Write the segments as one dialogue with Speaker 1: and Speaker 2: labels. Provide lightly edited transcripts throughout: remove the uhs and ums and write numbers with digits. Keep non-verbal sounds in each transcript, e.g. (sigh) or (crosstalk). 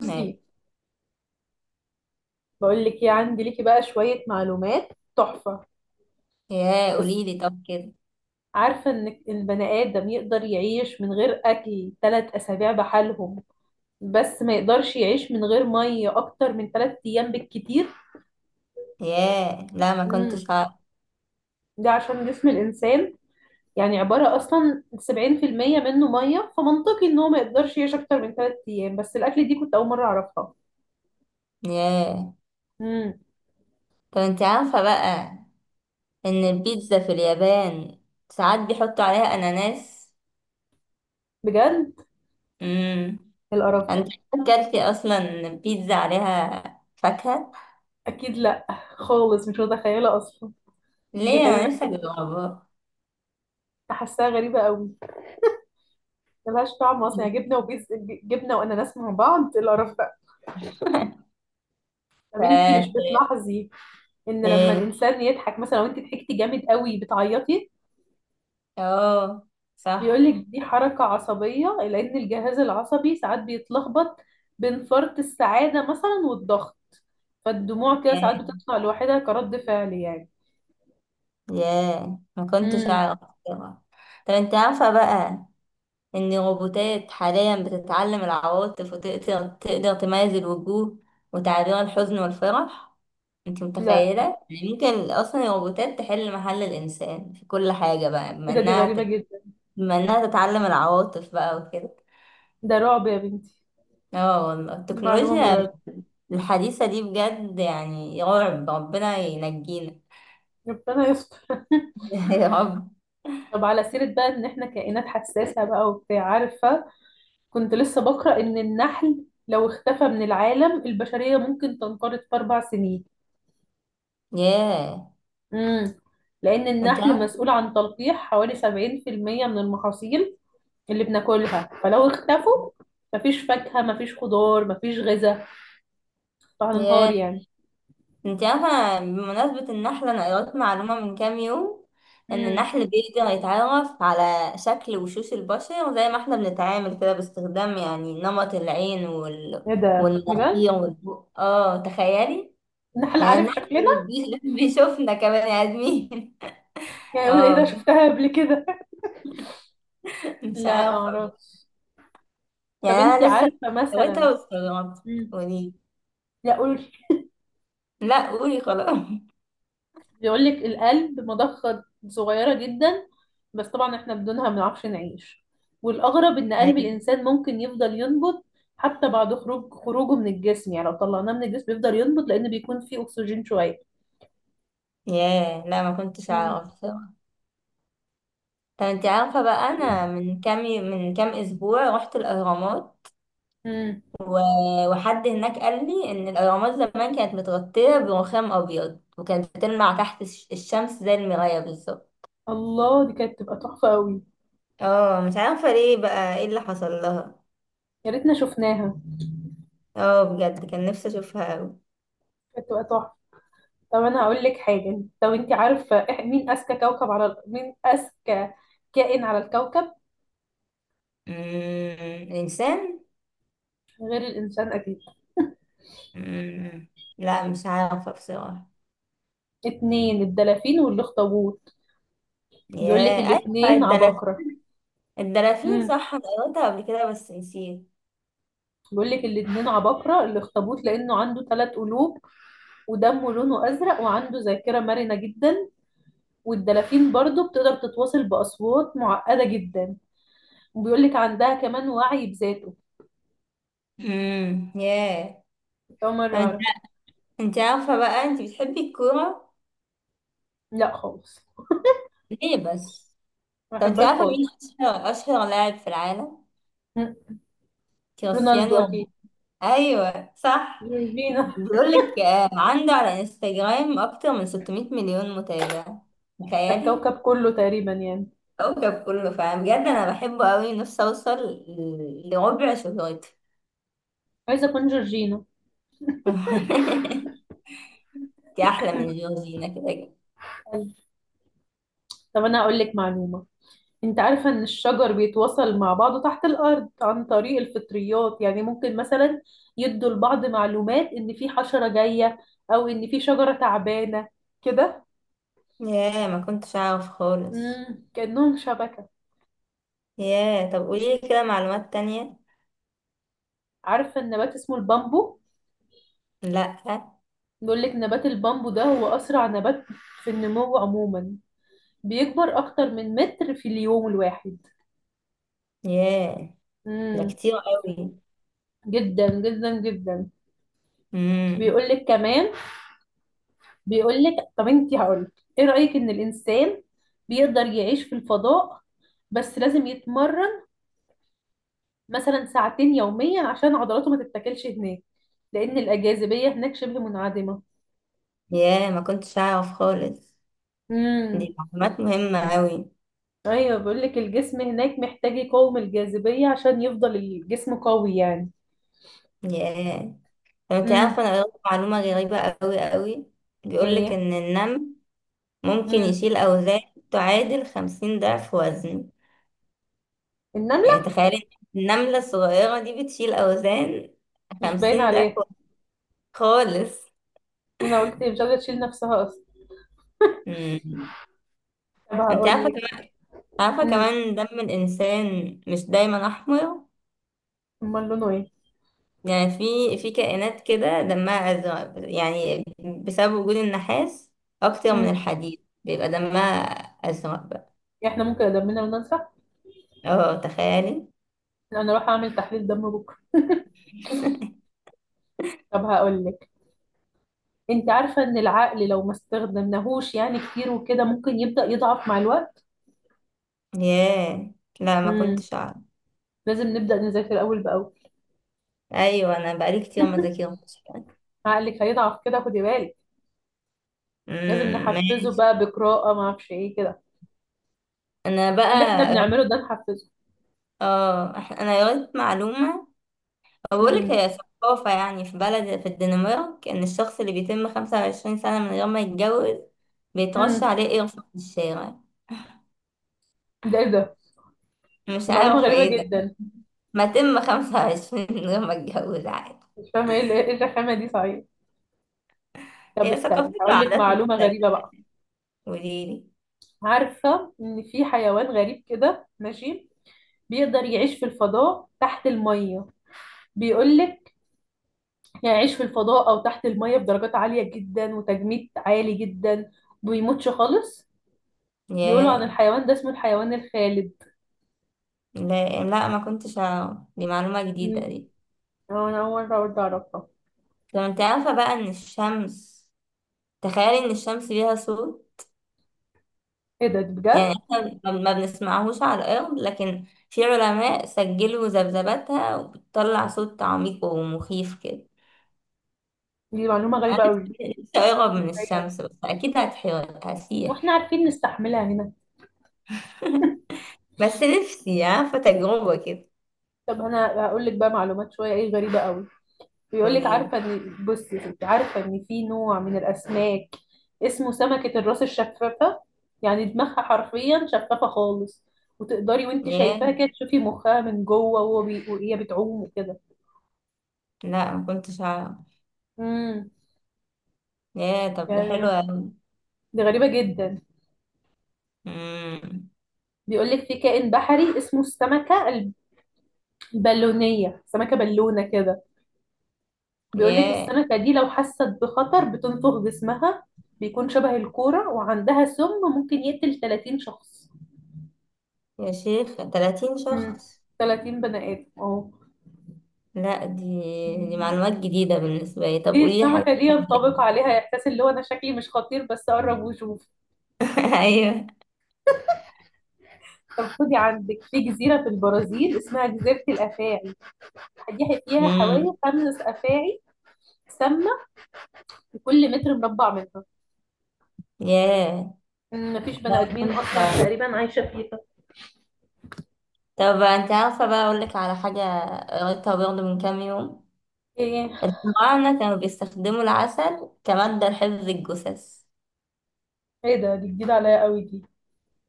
Speaker 1: بصي،
Speaker 2: ما-
Speaker 1: بقول لك ايه. عندي ليكي بقى شوية معلومات تحفة.
Speaker 2: ياه،
Speaker 1: بص،
Speaker 2: قولي لي طب كده.
Speaker 1: عارفة ان البني آدم يقدر يعيش من غير أكل 3 أسابيع بحالهم، بس ما يقدرش يعيش من غير مية أكتر من 3 أيام بالكتير.
Speaker 2: ياه، لا ما
Speaker 1: امم
Speaker 2: كنتش عارف.
Speaker 1: ده عشان جسم الإنسان يعني عبارة أصلا 70% منه مية، فمنطقي إن هو ما يقدرش يعيش أكتر من 3 أيام، بس الأكل دي كنت أول مرة أعرفها.
Speaker 2: ياه
Speaker 1: امم
Speaker 2: طب انت عارفة بقى ان البيتزا في اليابان ساعات بيحطوا عليها اناناس؟
Speaker 1: بجد؟
Speaker 2: امم.
Speaker 1: القرف
Speaker 2: انت
Speaker 1: ده.
Speaker 2: اكلتي اصلا بيتزا عليها فاكهة؟
Speaker 1: أكيد لأ، خالص مش متخيلة أصلا. دي
Speaker 2: ليه، انا
Speaker 1: غريبة،
Speaker 2: لسه جربها.
Speaker 1: حاساها غريبة أوي، ملهاش طعم اصلا. يعني جبنه وبيز، جبنه واناناس مع بعض؟ إيه القرف ده.
Speaker 2: (laughs)
Speaker 1: طب انت مش
Speaker 2: ف
Speaker 1: بتلاحظي ان لما
Speaker 2: ايه،
Speaker 1: الانسان يضحك مثلا، لو انت ضحكتي جامد قوي بتعيطي.
Speaker 2: اه
Speaker 1: بيقول
Speaker 2: صح.
Speaker 1: لك دي حركه عصبيه لان الجهاز العصبي ساعات بيتلخبط بين فرط السعاده مثلا والضغط، فالدموع كده ساعات
Speaker 2: ياه.
Speaker 1: بتطلع لوحدها كرد فعل يعني.
Speaker 2: ياه ما كنتش
Speaker 1: امم
Speaker 2: اعرف. طبعا. طب انت عارفة بقى إن الروبوتات حاليا بتتعلم العواطف وتقدر تميز الوجوه وتعبير الحزن والفرح، انت متخيلة؟
Speaker 1: لا،
Speaker 2: يعني ممكن أصلا الروبوتات تحل محل الإنسان في كل حاجة بقى بما
Speaker 1: ايه ده؟ دي غريبه جدا.
Speaker 2: بما إنها تتعلم العواطف بقى وكده.
Speaker 1: ده رعب يا بنتي،
Speaker 2: اه والله
Speaker 1: دي معلومه
Speaker 2: التكنولوجيا
Speaker 1: مرعبه.
Speaker 2: الحديثة دي بجد، يعني يا رب ربنا ينجينا.
Speaker 1: ربنا يستر. (laughs)
Speaker 2: (laughs) يا رب.
Speaker 1: طب على سيرة بقى ان احنا كائنات حساسة بقى وبتاع، عارفة، كنت لسه بقرأ إن النحل لو اختفى من العالم البشرية ممكن تنقرض في 4 سنين.
Speaker 2: ياه.
Speaker 1: امم لأن
Speaker 2: انت
Speaker 1: النحل
Speaker 2: عارف.
Speaker 1: مسؤول عن تلقيح حوالي 70% من المحاصيل اللي بناكلها، فلو اختفوا مفيش فاكهة مفيش خضار مفيش غذاء، فهننهار
Speaker 2: ياه،
Speaker 1: يعني.
Speaker 2: انت عارفة بمناسبة النحلة، انا قرأت معلومة من كام يوم؟ ان
Speaker 1: امم
Speaker 2: النحل بيقدر يتعرف على شكل وشوش البشر زي ما احنا بنتعامل كده، باستخدام يعني نمط العين وال...
Speaker 1: ايه ده، بجد؟
Speaker 2: والمناخير والبق، اه تخيلي.
Speaker 1: النحل
Speaker 2: يعني
Speaker 1: عارف شكلنا؟
Speaker 2: (laughs) بيشوفنا كمان يا ادمين.
Speaker 1: يعني
Speaker 2: (laughs)
Speaker 1: يقول ايه ده
Speaker 2: اه،
Speaker 1: شفتها قبل كده. (laughs)
Speaker 2: مش
Speaker 1: لا
Speaker 2: عارفة.
Speaker 1: اعرفش.
Speaker 2: يعني
Speaker 1: طب انتي
Speaker 2: انا لسه
Speaker 1: عارفة
Speaker 2: قريتها
Speaker 1: مثلا.
Speaker 2: واستغربت.
Speaker 1: امم
Speaker 2: قولي.
Speaker 1: لا، قولي.
Speaker 2: لا قولي خلاص.
Speaker 1: بيقول لك القلب مضخة صغيرة جدا، بس طبعا احنا بدونها ما بنعرفش نعيش. والأغرب إن
Speaker 2: (laughs)
Speaker 1: قلب
Speaker 2: أيوة.
Speaker 1: الإنسان ممكن يفضل ينبض حتى بعد خروجه من الجسم. يعني لو طلعناه من الجسم يفضل ينبض لأن بيكون فيه أكسجين شوية.
Speaker 2: ياه، لا ما كنتش
Speaker 1: مم.
Speaker 2: اعرف. طب انت عارفة بقى انا من كام اسبوع رحت الاهرامات؟
Speaker 1: مم.
Speaker 2: وحد هناك قال لي ان الاهرامات زمان كانت متغطية برخام ابيض، وكانت بتلمع تحت الشمس زي المراية بالظبط.
Speaker 1: الله، دي كانت تبقى تحفة قوي.
Speaker 2: اه مش عارفة ليه بقى، ايه اللي حصل لها.
Speaker 1: يا ريتنا شفناها،
Speaker 2: اه بجد، كان نفسي اشوفها اوي.
Speaker 1: كانت تبقى تحفة. طب أنا هقول لك حاجة. طب أنت عارفة مين أذكى كوكب على مين أذكى كائن على الكوكب
Speaker 2: مم، انسان.
Speaker 1: غير الإنسان أكيد؟
Speaker 2: مم، لا مش عارفة بصراحة.
Speaker 1: اتنين، الدلافين والأخطبوط. بيقول لك
Speaker 2: ياه ايوه
Speaker 1: الاتنين
Speaker 2: الدلافين.
Speaker 1: عباقرة.
Speaker 2: الدلافين
Speaker 1: امم
Speaker 2: صح، انا قريتها قبل كده بس نسيت.
Speaker 1: بيقول لك الاتنين عباقرة. الاخطبوط لأنه عنده 3 قلوب ودمه لونه أزرق وعنده ذاكرة مرنة جدا، والدلافين برضه بتقدر تتواصل بأصوات معقدة جدا، وبيقول لك عندها كمان وعي بذاته.
Speaker 2: امم. ياه.
Speaker 1: أول مرة أعرف.
Speaker 2: انت عارفة بقى انت بتحبي الكورة؟
Speaker 1: لا خالص،
Speaker 2: ليه بس.
Speaker 1: ما
Speaker 2: طب انت
Speaker 1: بحبهاش
Speaker 2: عارفة مين
Speaker 1: خالص.
Speaker 2: اشهر لاعب في العالم؟
Speaker 1: مم.
Speaker 2: كريستيانو
Speaker 1: رونالدو
Speaker 2: رونالدو.
Speaker 1: أكيد،
Speaker 2: ايوه صح.
Speaker 1: جورجينا.
Speaker 2: بيقول لك آه، عنده على انستجرام اكتر من 600 مليون متابع،
Speaker 1: ده
Speaker 2: تخيلي.
Speaker 1: الكوكب كله تقريبا يعني.
Speaker 2: كوكب كله فعلا، بجد انا بحبه قوي، نفسي اوصل لربع شهرته.
Speaker 1: عايزة أكون جورجينا.
Speaker 2: (laughs) انت احلى من جورجينا كده كده.
Speaker 1: طب أنا أقول لك معلومة. انت عارفة ان الشجر بيتواصل مع بعضه تحت الارض عن طريق الفطريات؟ يعني ممكن مثلا يدوا لبعض معلومات ان في حشرة جاية او ان في شجرة تعبانة، كده.
Speaker 2: ياه ما كنتش اعرف خالص.
Speaker 1: كأنهم شبكة.
Speaker 2: ياه طب قولي لي كده معلومات تانية.
Speaker 1: عارفة النبات اسمه البامبو؟
Speaker 2: لا.
Speaker 1: بيقول لك نبات البامبو ده هو اسرع نبات في النمو عموما، بيكبر اكتر من متر في اليوم الواحد.
Speaker 2: ياه. ده
Speaker 1: امم
Speaker 2: كتير قوي.
Speaker 1: جدا جدا جدا.
Speaker 2: امم.
Speaker 1: بيقول لك كمان، بيقول لك، طب انت، هقول ايه رأيك ان الانسان بيقدر يعيش في الفضاء بس لازم يتمرن مثلا ساعتين يوميا عشان عضلاته ما تتاكلش هناك، لان الجاذبية هناك شبه منعدمة.
Speaker 2: ياه ما كنتش اعرف خالص، دي
Speaker 1: امم
Speaker 2: معلومات مهمة اوي.
Speaker 1: ايوه، بيقول لك الجسم هناك محتاج يقاوم الجاذبية عشان يفضل الجسم قوي يعني.
Speaker 2: ياه طب انت
Speaker 1: امم
Speaker 2: عارفة انا قريت معلومة غريبة اوي اوي؟ بيقولك
Speaker 1: ايه.
Speaker 2: ان النمل ممكن
Speaker 1: امم
Speaker 2: يشيل اوزان تعادل 50 ضعف وزنه. يعني
Speaker 1: النملة
Speaker 2: تخيلي، إن النملة الصغيرة دي بتشيل اوزان
Speaker 1: مش باين
Speaker 2: 50 ضعف
Speaker 1: عليها.
Speaker 2: وزن خالص.
Speaker 1: انا قلت مش قادرة تشيل نفسها اصلا.
Speaker 2: امم.
Speaker 1: طب
Speaker 2: انت
Speaker 1: هقول
Speaker 2: عارفة
Speaker 1: لك.
Speaker 2: كمان، عارفة
Speaker 1: امم
Speaker 2: كمان دم الانسان مش دايما احمر؟
Speaker 1: امال لونه ايه؟
Speaker 2: يعني في كائنات كده دمها أزرق، يعني بسبب وجود النحاس أكتر من
Speaker 1: امم
Speaker 2: الحديد بيبقى دمها أزرق بقى.
Speaker 1: احنا ممكن دمنا وننسى.
Speaker 2: اه تخيلي.
Speaker 1: انا اروح اعمل تحليل دم بكره.
Speaker 2: (laughs)
Speaker 1: طب هقول لك، انت عارفه ان العقل لو ما استخدمناهوش يعني كتير وكده ممكن يبدا يضعف مع الوقت.
Speaker 2: ياه، لا ما
Speaker 1: امم
Speaker 2: كنتش أعرف.
Speaker 1: لازم نبدا نذاكر اول باول.
Speaker 2: أيوة، أنا بقالي كتير ما ذاكرتش يعني.
Speaker 1: (laughs) عقلك هيضعف كده، خدي بالك. لازم
Speaker 2: أمم،
Speaker 1: نحفزه
Speaker 2: ماشي.
Speaker 1: بقى بقراءه، ما اعرفش ايه كده،
Speaker 2: أنا
Speaker 1: اللي
Speaker 2: بقى
Speaker 1: احنا بنعمله ده نحفزه.
Speaker 2: اه أنا قريت معلومة، بقولك
Speaker 1: امم
Speaker 2: هي ثقافة يعني في بلد في الدنمارك، إن الشخص اللي بيتم 25 سنة من غير ما يتجوز بيترش
Speaker 1: امم
Speaker 2: عليه قرفة في الشارع.
Speaker 1: ده ايه ده؟
Speaker 2: مش
Speaker 1: دي معلومه
Speaker 2: عارفة
Speaker 1: غريبه
Speaker 2: ايه ده.
Speaker 1: جدا.
Speaker 2: ما تم 25 من غير ما اتجوز عادي،
Speaker 1: مش فاهمه ايه ايه الرخامه دي صحيح. طب
Speaker 2: هي
Speaker 1: استني
Speaker 2: ثقافات
Speaker 1: هقول لك
Speaker 2: وعادات
Speaker 1: معلومه غريبه
Speaker 2: مختلفة.
Speaker 1: بقى.
Speaker 2: قوليلي.
Speaker 1: عارفه ان في حيوان غريب كده ماشي بيقدر يعيش في الفضاء تحت الميه؟ بيقول لك يعني يعيش في الفضاء أو تحت المية بدرجات عالية جدا وتجميد عالي جدا، بيموتش خالص. بيقولوا عن
Speaker 2: ياه.
Speaker 1: الحيوان ده اسمه الحيوان الخالد.
Speaker 2: لا لا ما كنتش أعرف، دي معلومة
Speaker 1: مم.
Speaker 2: جديدة دي.
Speaker 1: أه، أنا أول مرة برضه أعرفها.
Speaker 2: طب انت عارفة بقى ان الشمس، تخيلي ان الشمس ليها صوت؟
Speaker 1: إيه ده
Speaker 2: يعني
Speaker 1: بجد؟
Speaker 2: احنا ما بنسمعهوش على الأرض، لكن في علماء سجلوا ذبذباتها وبتطلع صوت عميق ومخيف كده.
Speaker 1: دي معلومة
Speaker 2: أنا
Speaker 1: غريبة أوي.
Speaker 2: نفسي، نفسي أقرب من
Speaker 1: إزاي يعني؟
Speaker 2: الشمس، بس أكيد هتحير،
Speaker 1: وإحنا
Speaker 2: هسيح.
Speaker 1: عارفين نستحملها هنا.
Speaker 2: (laughs) بس نفسي عارفة تجربة كده.
Speaker 1: طب أنا هقول لك بقى معلومات شوية إيه غريبة أوي. بيقول لك،
Speaker 2: قوليلي.
Speaker 1: عارفه ان، بصي يا ستي، عارفه ان في نوع من الاسماك اسمه سمكه الراس الشفافه. يعني دماغها حرفيا شفافه خالص، وتقدري وانت شايفاها كده تشوفي مخها من جوه وهي بتعوم وكده.
Speaker 2: لا ما كنتش اعرف،
Speaker 1: امم
Speaker 2: يا طب ده حلو
Speaker 1: يعني
Speaker 2: أوي.
Speaker 1: دي غريبه جدا.
Speaker 2: امم.
Speaker 1: بيقول لك في كائن بحري اسمه السمكه البالونيه، سمكه بالونه كده. بيقول لك
Speaker 2: يا
Speaker 1: السمكه دي لو حست بخطر بتنفخ جسمها، بيكون شبه الكوره، وعندها سم ممكن يقتل 30 شخص.
Speaker 2: يا شيخ، 30
Speaker 1: مم.
Speaker 2: شخص!
Speaker 1: 30 بني آدم، اه.
Speaker 2: لا دي معلومات جديدة بالنسبة لي، طب
Speaker 1: دي
Speaker 2: قولي لي حاجة
Speaker 1: السمكة دي
Speaker 2: تانية.
Speaker 1: ينطبق عليها إحساس اللي هو أنا شكلي مش خطير بس قرب وشوف.
Speaker 2: (laughs) ايوه.
Speaker 1: طب خدي عندك، في جزيرة في البرازيل اسمها جزيرة الأفاعي، دي فيها حوالي
Speaker 2: امم.
Speaker 1: 5 أفاعي سامة في كل متر مربع منها.
Speaker 2: يا.
Speaker 1: مفيش
Speaker 2: لا
Speaker 1: بني
Speaker 2: ما
Speaker 1: آدمين
Speaker 2: كنتش
Speaker 1: أصلا
Speaker 2: اعرف.
Speaker 1: تقريبا عايشة فيها.
Speaker 2: طب انت عارفة بقى، اقول لك على حاجة قريتها برضه من كام يوم؟
Speaker 1: إيه
Speaker 2: الفراعنة كانوا بيستخدموا العسل كمادة لحفظ الجثث.
Speaker 1: إيه ده، دي جديدة عليا قوي دي.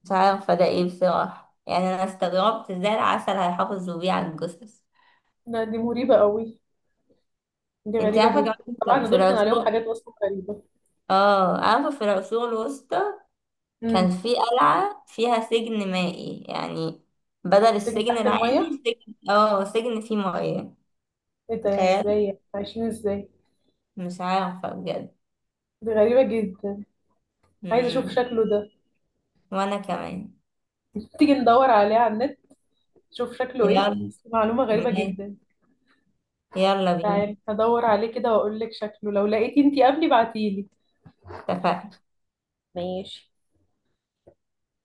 Speaker 2: مش عارفة ده ايه بصراحة، يعني انا استغربت ازاي العسل هيحافظوا بيه على الجثث.
Speaker 1: لا دي مريبة قوي، دي
Speaker 2: انت
Speaker 1: غريبة
Speaker 2: عارفة
Speaker 1: جدا.
Speaker 2: كمان، في
Speaker 1: طبعا
Speaker 2: في
Speaker 1: دول كان عليهم
Speaker 2: العصور،
Speaker 1: حاجات أصلا غريبة.
Speaker 2: اه عارفة في العصور الوسطى كان
Speaker 1: امم
Speaker 2: في قلعة فيها سجن مائي، يعني بدل
Speaker 1: سجن
Speaker 2: السجن
Speaker 1: تحت المية؟
Speaker 2: العادي سجن، اه سجن فيه مياه.
Speaker 1: إيه ده، إزاي
Speaker 2: تخيل.
Speaker 1: يعني؟ عايشين إزاي؟
Speaker 2: مش عارفة بجد.
Speaker 1: دي غريبة جدا. عايزة أشوف
Speaker 2: مم.
Speaker 1: شكله ده.
Speaker 2: وانا كمان.
Speaker 1: تيجي ندور عليه على النت، نشوف شكله إيه،
Speaker 2: يلا
Speaker 1: بس معلومة غريبة
Speaker 2: ماشي.
Speaker 1: جدا.
Speaker 2: يلا بينا.
Speaker 1: تعالي هدور عليه كده وأقول لك شكله. لو لقيتي أنتي قبلي بعتيلي.
Speaker 2: اتفقنا.
Speaker 1: ماشي.